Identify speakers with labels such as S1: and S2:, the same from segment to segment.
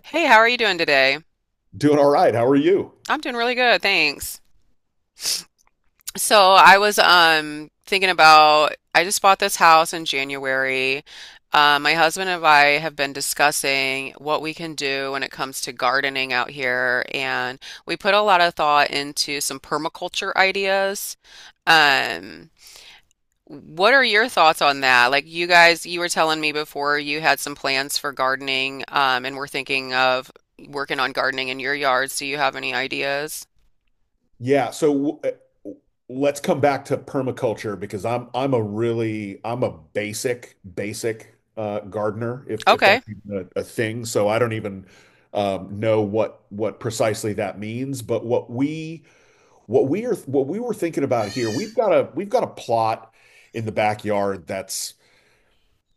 S1: Hey, how are you doing today?
S2: Doing all right. How are you?
S1: I'm doing really good, thanks. So I was thinking about I just bought this house in January. My husband and I have been discussing what we can do when it comes to gardening out here, and we put a lot of thought into some permaculture ideas. Um, what are your thoughts on that? Like you guys, you were telling me before you had some plans for gardening, and we're thinking of working on gardening in your yards. Do you have any ideas?
S2: Yeah, so uh, let's come back to permaculture because I'm a really I'm a basic gardener, if
S1: Okay.
S2: that's even a thing. So I don't even know what precisely that means. But what we were thinking about here, we've got a plot in the backyard that's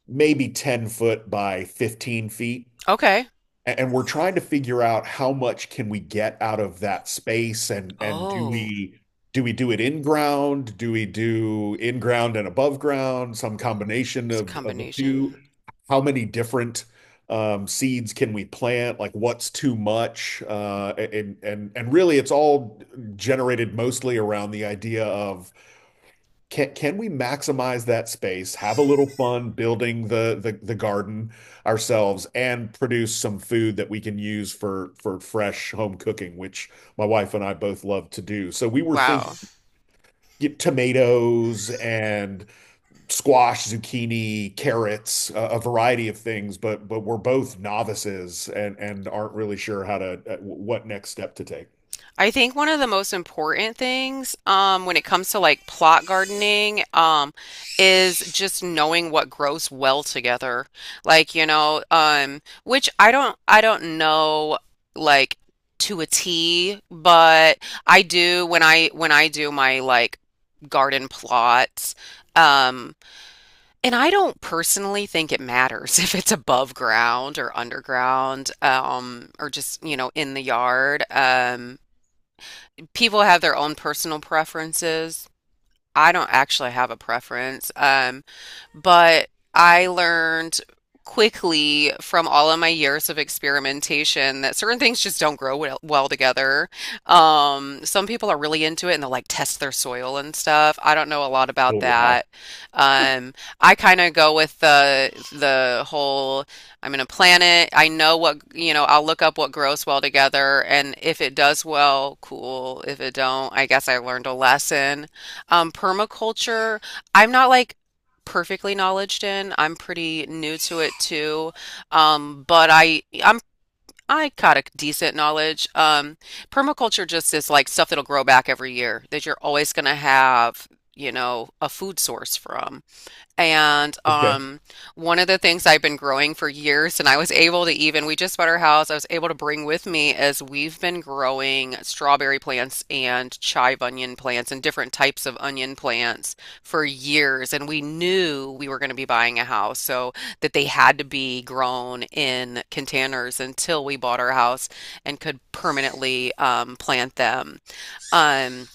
S2: maybe 10-foot by 15 feet.
S1: Okay.
S2: And we're trying to figure out, how much can we get out of that space, and do
S1: Oh,
S2: we do it in ground? Do we do in ground and above ground? Some combination
S1: it's a
S2: of the two?
S1: combination.
S2: How many different seeds can we plant? Like, what's too much? And really, it's all generated mostly around the idea of, can we maximize that space, have a little fun building the garden ourselves, and produce some food that we can use for fresh home cooking, which my wife and I both love to do. So we were
S1: Wow.
S2: thinking, get tomatoes and squash, zucchini, carrots, a variety of things, but we're both novices and aren't really sure how to what next step to take.
S1: I think one of the most important things when it comes to like plot gardening, is just knowing what grows well together. Like, you know, which I don't know like to a T, but I do when I do my like garden plots. Um, And I don't personally think it matters if it's above ground or underground, or just, you know, in the yard. People have their own personal preferences. I don't actually have a preference, but I learned quickly from all of my years of experimentation that certain things just don't grow well together. Some people are really into it and they'll like test their soil and stuff. I don't know a lot about
S2: Oh, wow.
S1: that. Um, I kind of go with the whole I'm gonna plant it. I know what, you know, I'll look up what grows well together and if it does well, cool. If it don't, I guess I learned a lesson. Permaculture, I'm not like perfectly knowledged in. I'm pretty new to it too. But I got a decent knowledge. Permaculture just is like stuff that'll grow back every year that you're always gonna have, you know, a food source from. And
S2: Okay.
S1: One of the things I've been growing for years, and I was able to even, we just bought our house, I was able to bring with me is we've been growing strawberry plants and chive onion plants and different types of onion plants for years. And we knew we were going to be buying a house, so that they had to be grown in containers until we bought our house and could permanently plant them. Um,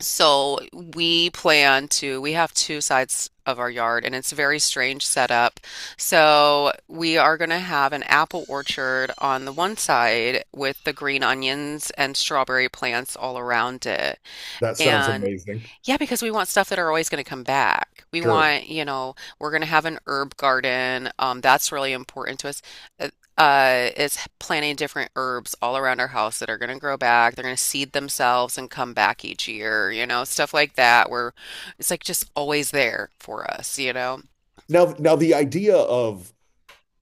S1: so we plan to, we have two sides of our yard and it's a very strange setup. So we are going to have an apple orchard on the one side with the green onions and strawberry plants all around it.
S2: That sounds
S1: And
S2: amazing.
S1: yeah, because we want stuff that are always going to come back. We
S2: Sure.
S1: want, you know, we're going to have an herb garden. That's really important to us. Uh, is planting different herbs all around our house that are going to grow back. They're going to seed themselves and come back each year, you know, stuff like that, where it's like just always there for us, you know.
S2: Now the idea of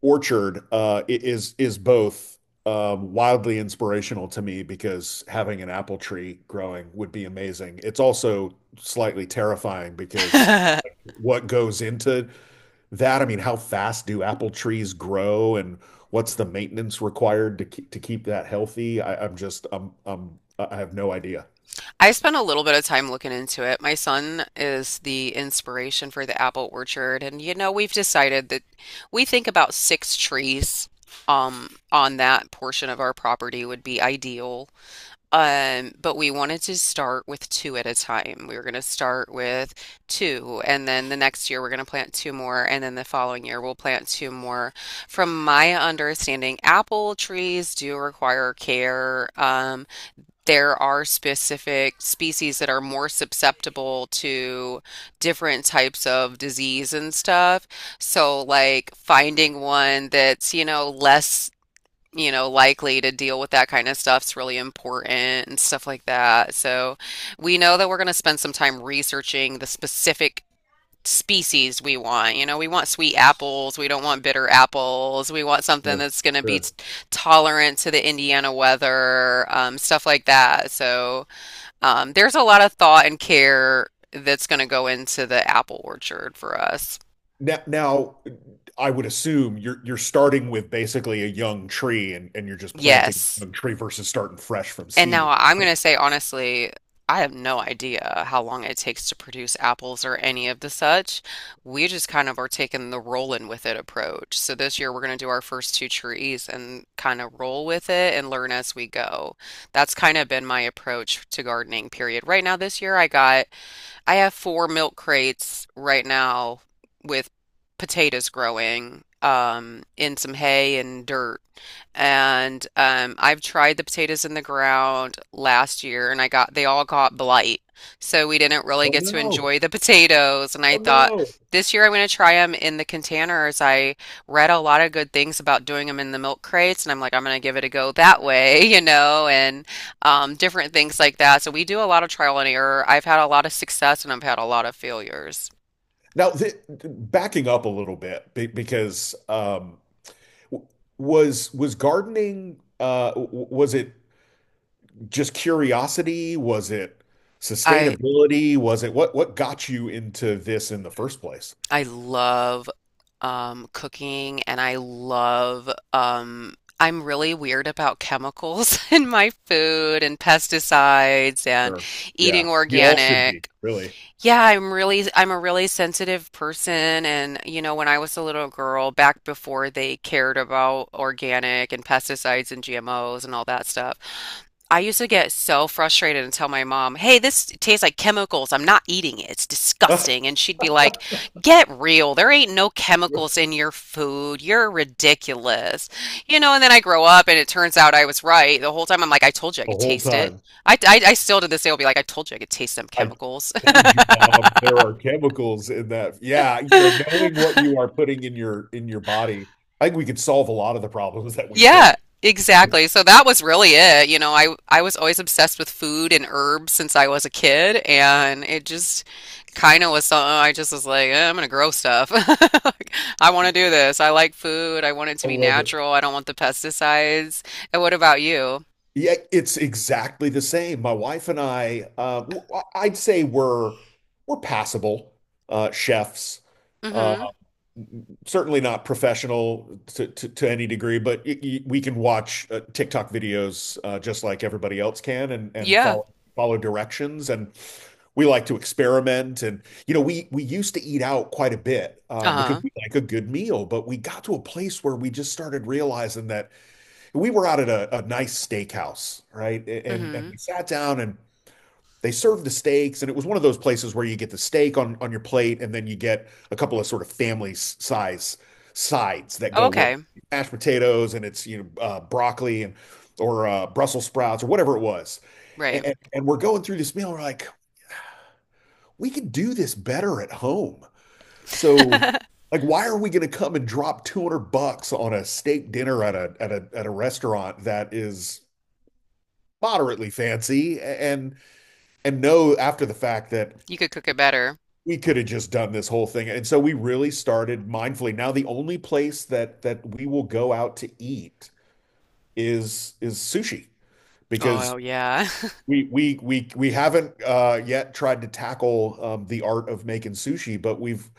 S2: orchard is both wildly inspirational to me, because having an apple tree growing would be amazing. It's also slightly terrifying because, what goes into that? I mean, how fast do apple trees grow, and what's the maintenance required to keep, that healthy? I, I'm just I'm I have no idea.
S1: I spent a little bit of time looking into it. My son is the inspiration for the apple orchard, and you know, we've decided that we think about six trees on that portion of our property would be ideal. But we wanted to start with two at a time. We were going to start with two, and then the next year we're going to plant two more, and then the following year we'll plant two more. From my understanding, apple trees do require care. There are specific species that are more susceptible to different types of disease and stuff. So, like finding one that's, you know, less, you know, likely to deal with that kind of stuff's really important and stuff like that. So, we know that we're going to spend some time researching the specific species we want. You know, we want sweet apples. We don't want bitter apples. We want something
S2: Sure,
S1: that's going to be
S2: sure.
S1: tolerant to the Indiana weather, stuff like that. So, there's a lot of thought and care that's going to go into the apple orchard for us.
S2: Now, I would assume you're starting with basically a young tree, and you're just planting a
S1: Yes.
S2: young tree versus starting fresh from
S1: And now
S2: seed.
S1: I'm going to say honestly, I have no idea how long it takes to produce apples or any of the such. We just kind of are taking the rolling with it approach. So this year we're going to do our first two trees and kind of roll with it and learn as we go. That's kind of been my approach to gardening, period. Right now this year I have four milk crates right now with potatoes growing in some hay and dirt. And I've tried the potatoes in the ground last year and I got they all got blight. So we didn't really
S2: Oh
S1: get to
S2: no.
S1: enjoy the potatoes. And I
S2: Oh
S1: thought
S2: no.
S1: this year I'm going to try them in the containers. I read a lot of good things about doing them in the milk crates and I'm like, I'm going to give it a go that way, you know, and different things like that. So we do a lot of trial and error. I've had a lot of success and I've had a lot of failures.
S2: Now, th backing up a little bit, because w- was gardening, was it just curiosity? Was it
S1: I
S2: sustainability? Was it, what got you into this in the first place?
S1: I love cooking and I love. I'm really weird about chemicals in my food and pesticides and
S2: Sure. Yeah,
S1: eating
S2: we all should be,
S1: organic.
S2: really.
S1: Yeah, I'm a really sensitive person and you know when I was a little girl back before they cared about organic and pesticides and GMOs and all that stuff, I used to get so frustrated and tell my mom, "Hey, this tastes like chemicals. I'm not eating it. It's
S2: The
S1: disgusting." And she'd be like, "Get real. There ain't no chemicals in your food. You're ridiculous." You know, and then I grow up and it turns out I was right. The whole time I'm like, "I told you I could
S2: whole
S1: taste it."
S2: time.
S1: I still to this day will be like, I told you I could taste them
S2: I
S1: chemicals.
S2: told you, Bob, there are chemicals in that. Yeah, you know, knowing what you are putting in your body, I think we could solve a lot of the problems that we face.
S1: Yeah,
S2: I
S1: exactly. So that was really it. You know, I was always obsessed with food and herbs since I was a kid, and it just kind of was something I just was like, eh, I'm gonna grow stuff. Like, I want to do this. I like food. I want it to be
S2: love it.
S1: natural. I don't want the pesticides. And what about you?
S2: Yeah, it's exactly the same. My wife and I, I'd say we're passable chefs. Uh,
S1: Mm-hmm.
S2: Certainly not professional to, any degree, but we can watch TikTok videos just like everybody else can, and,
S1: Yeah.
S2: follow directions. And we like to experiment. And you know, we used to eat out quite a bit because
S1: Uh-huh.
S2: we like a good meal, but we got to a place where we just started realizing that we were out at a nice steakhouse, right? And
S1: Mm-hmm.
S2: we sat down, and they served the steaks, and it was one of those places where you get the steak on your plate, and then you get a couple of sort of family size sides that
S1: Oh,
S2: go with it.
S1: okay.
S2: Mashed potatoes, and it's, you know, broccoli, and or Brussels sprouts, or whatever it was.
S1: Right.
S2: And, and we're going through this meal, we're like, we could do this better at home. So, like, why are we going to come and drop 200 bucks on a steak dinner at a restaurant that is moderately fancy, and know after the fact that
S1: You could cook it better.
S2: we could have just done this whole thing. And so we really started mindfully. Now, the only place that we will go out to eat is sushi, because
S1: Oh, yeah.
S2: we haven't yet tried to tackle the art of making sushi, but we've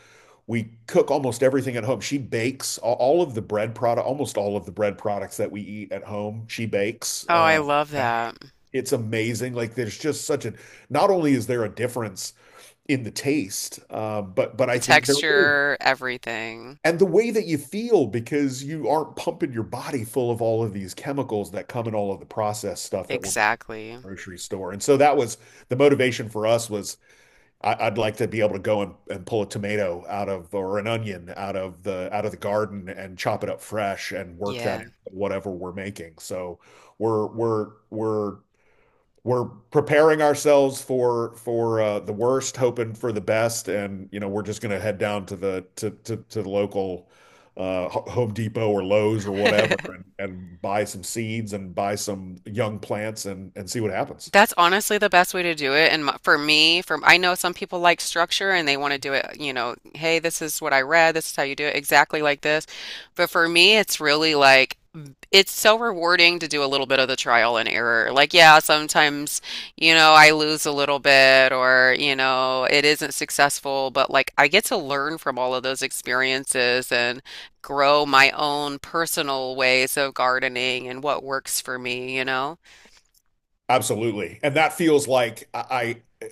S2: we cook almost everything at home. She bakes all of the bread product, almost all of the bread products that we eat at home. She bakes.
S1: Oh, I love
S2: Okay.
S1: that.
S2: It's amazing. Like, there's just such a. Not only is there a difference in the taste, but
S1: The
S2: I think there is,
S1: texture, everything.
S2: and the way that you feel, because you aren't pumping your body full of all of these chemicals that come in all of the processed stuff that we're buying at
S1: Exactly.
S2: the grocery store. And so that was the motivation for us was, I, I'd like to be able to go and, pull a tomato out of, or an onion out of the garden, and chop it up fresh and work that
S1: Yeah.
S2: into whatever we're making. So we're we're we're we're preparing ourselves for the worst, hoping for the best, and you know, we're just gonna head down to the to the local Home Depot or Lowe's or whatever, and buy some seeds and buy some young plants and see what happens.
S1: That's honestly the best way to do it. And for me, from I know some people like structure and they want to do it, you know, hey, this is what I read, this is how you do it, exactly like this. But for me, it's really like it's so rewarding to do a little bit of the trial and error. Like, yeah, sometimes, you know, I lose a little bit or, you know, it isn't successful, but like I get to learn from all of those experiences and grow my own personal ways of gardening and what works for me, you know?
S2: Absolutely, and that feels like, I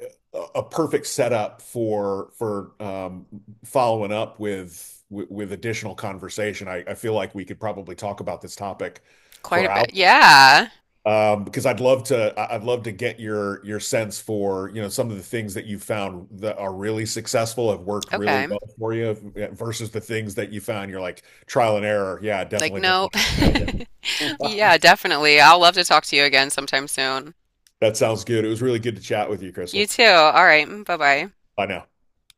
S2: a perfect setup for following up with additional conversation. I feel like we could probably talk about this topic
S1: Quite
S2: for
S1: a
S2: hours.
S1: bit. Yeah.
S2: Um, because I'd love to, would love to get your sense for, you know, some of the things that you found that are really successful, have worked really
S1: Okay.
S2: well for you, yeah, versus the things that you found, you're like, trial and error. Yeah, I
S1: Like,
S2: definitely don't
S1: nope.
S2: want to do that again.
S1: Yeah, definitely. I'll love to talk to you again sometime soon.
S2: That sounds good. It was really good to chat with you,
S1: You
S2: Crystal.
S1: too. All right. Bye bye.
S2: Bye now.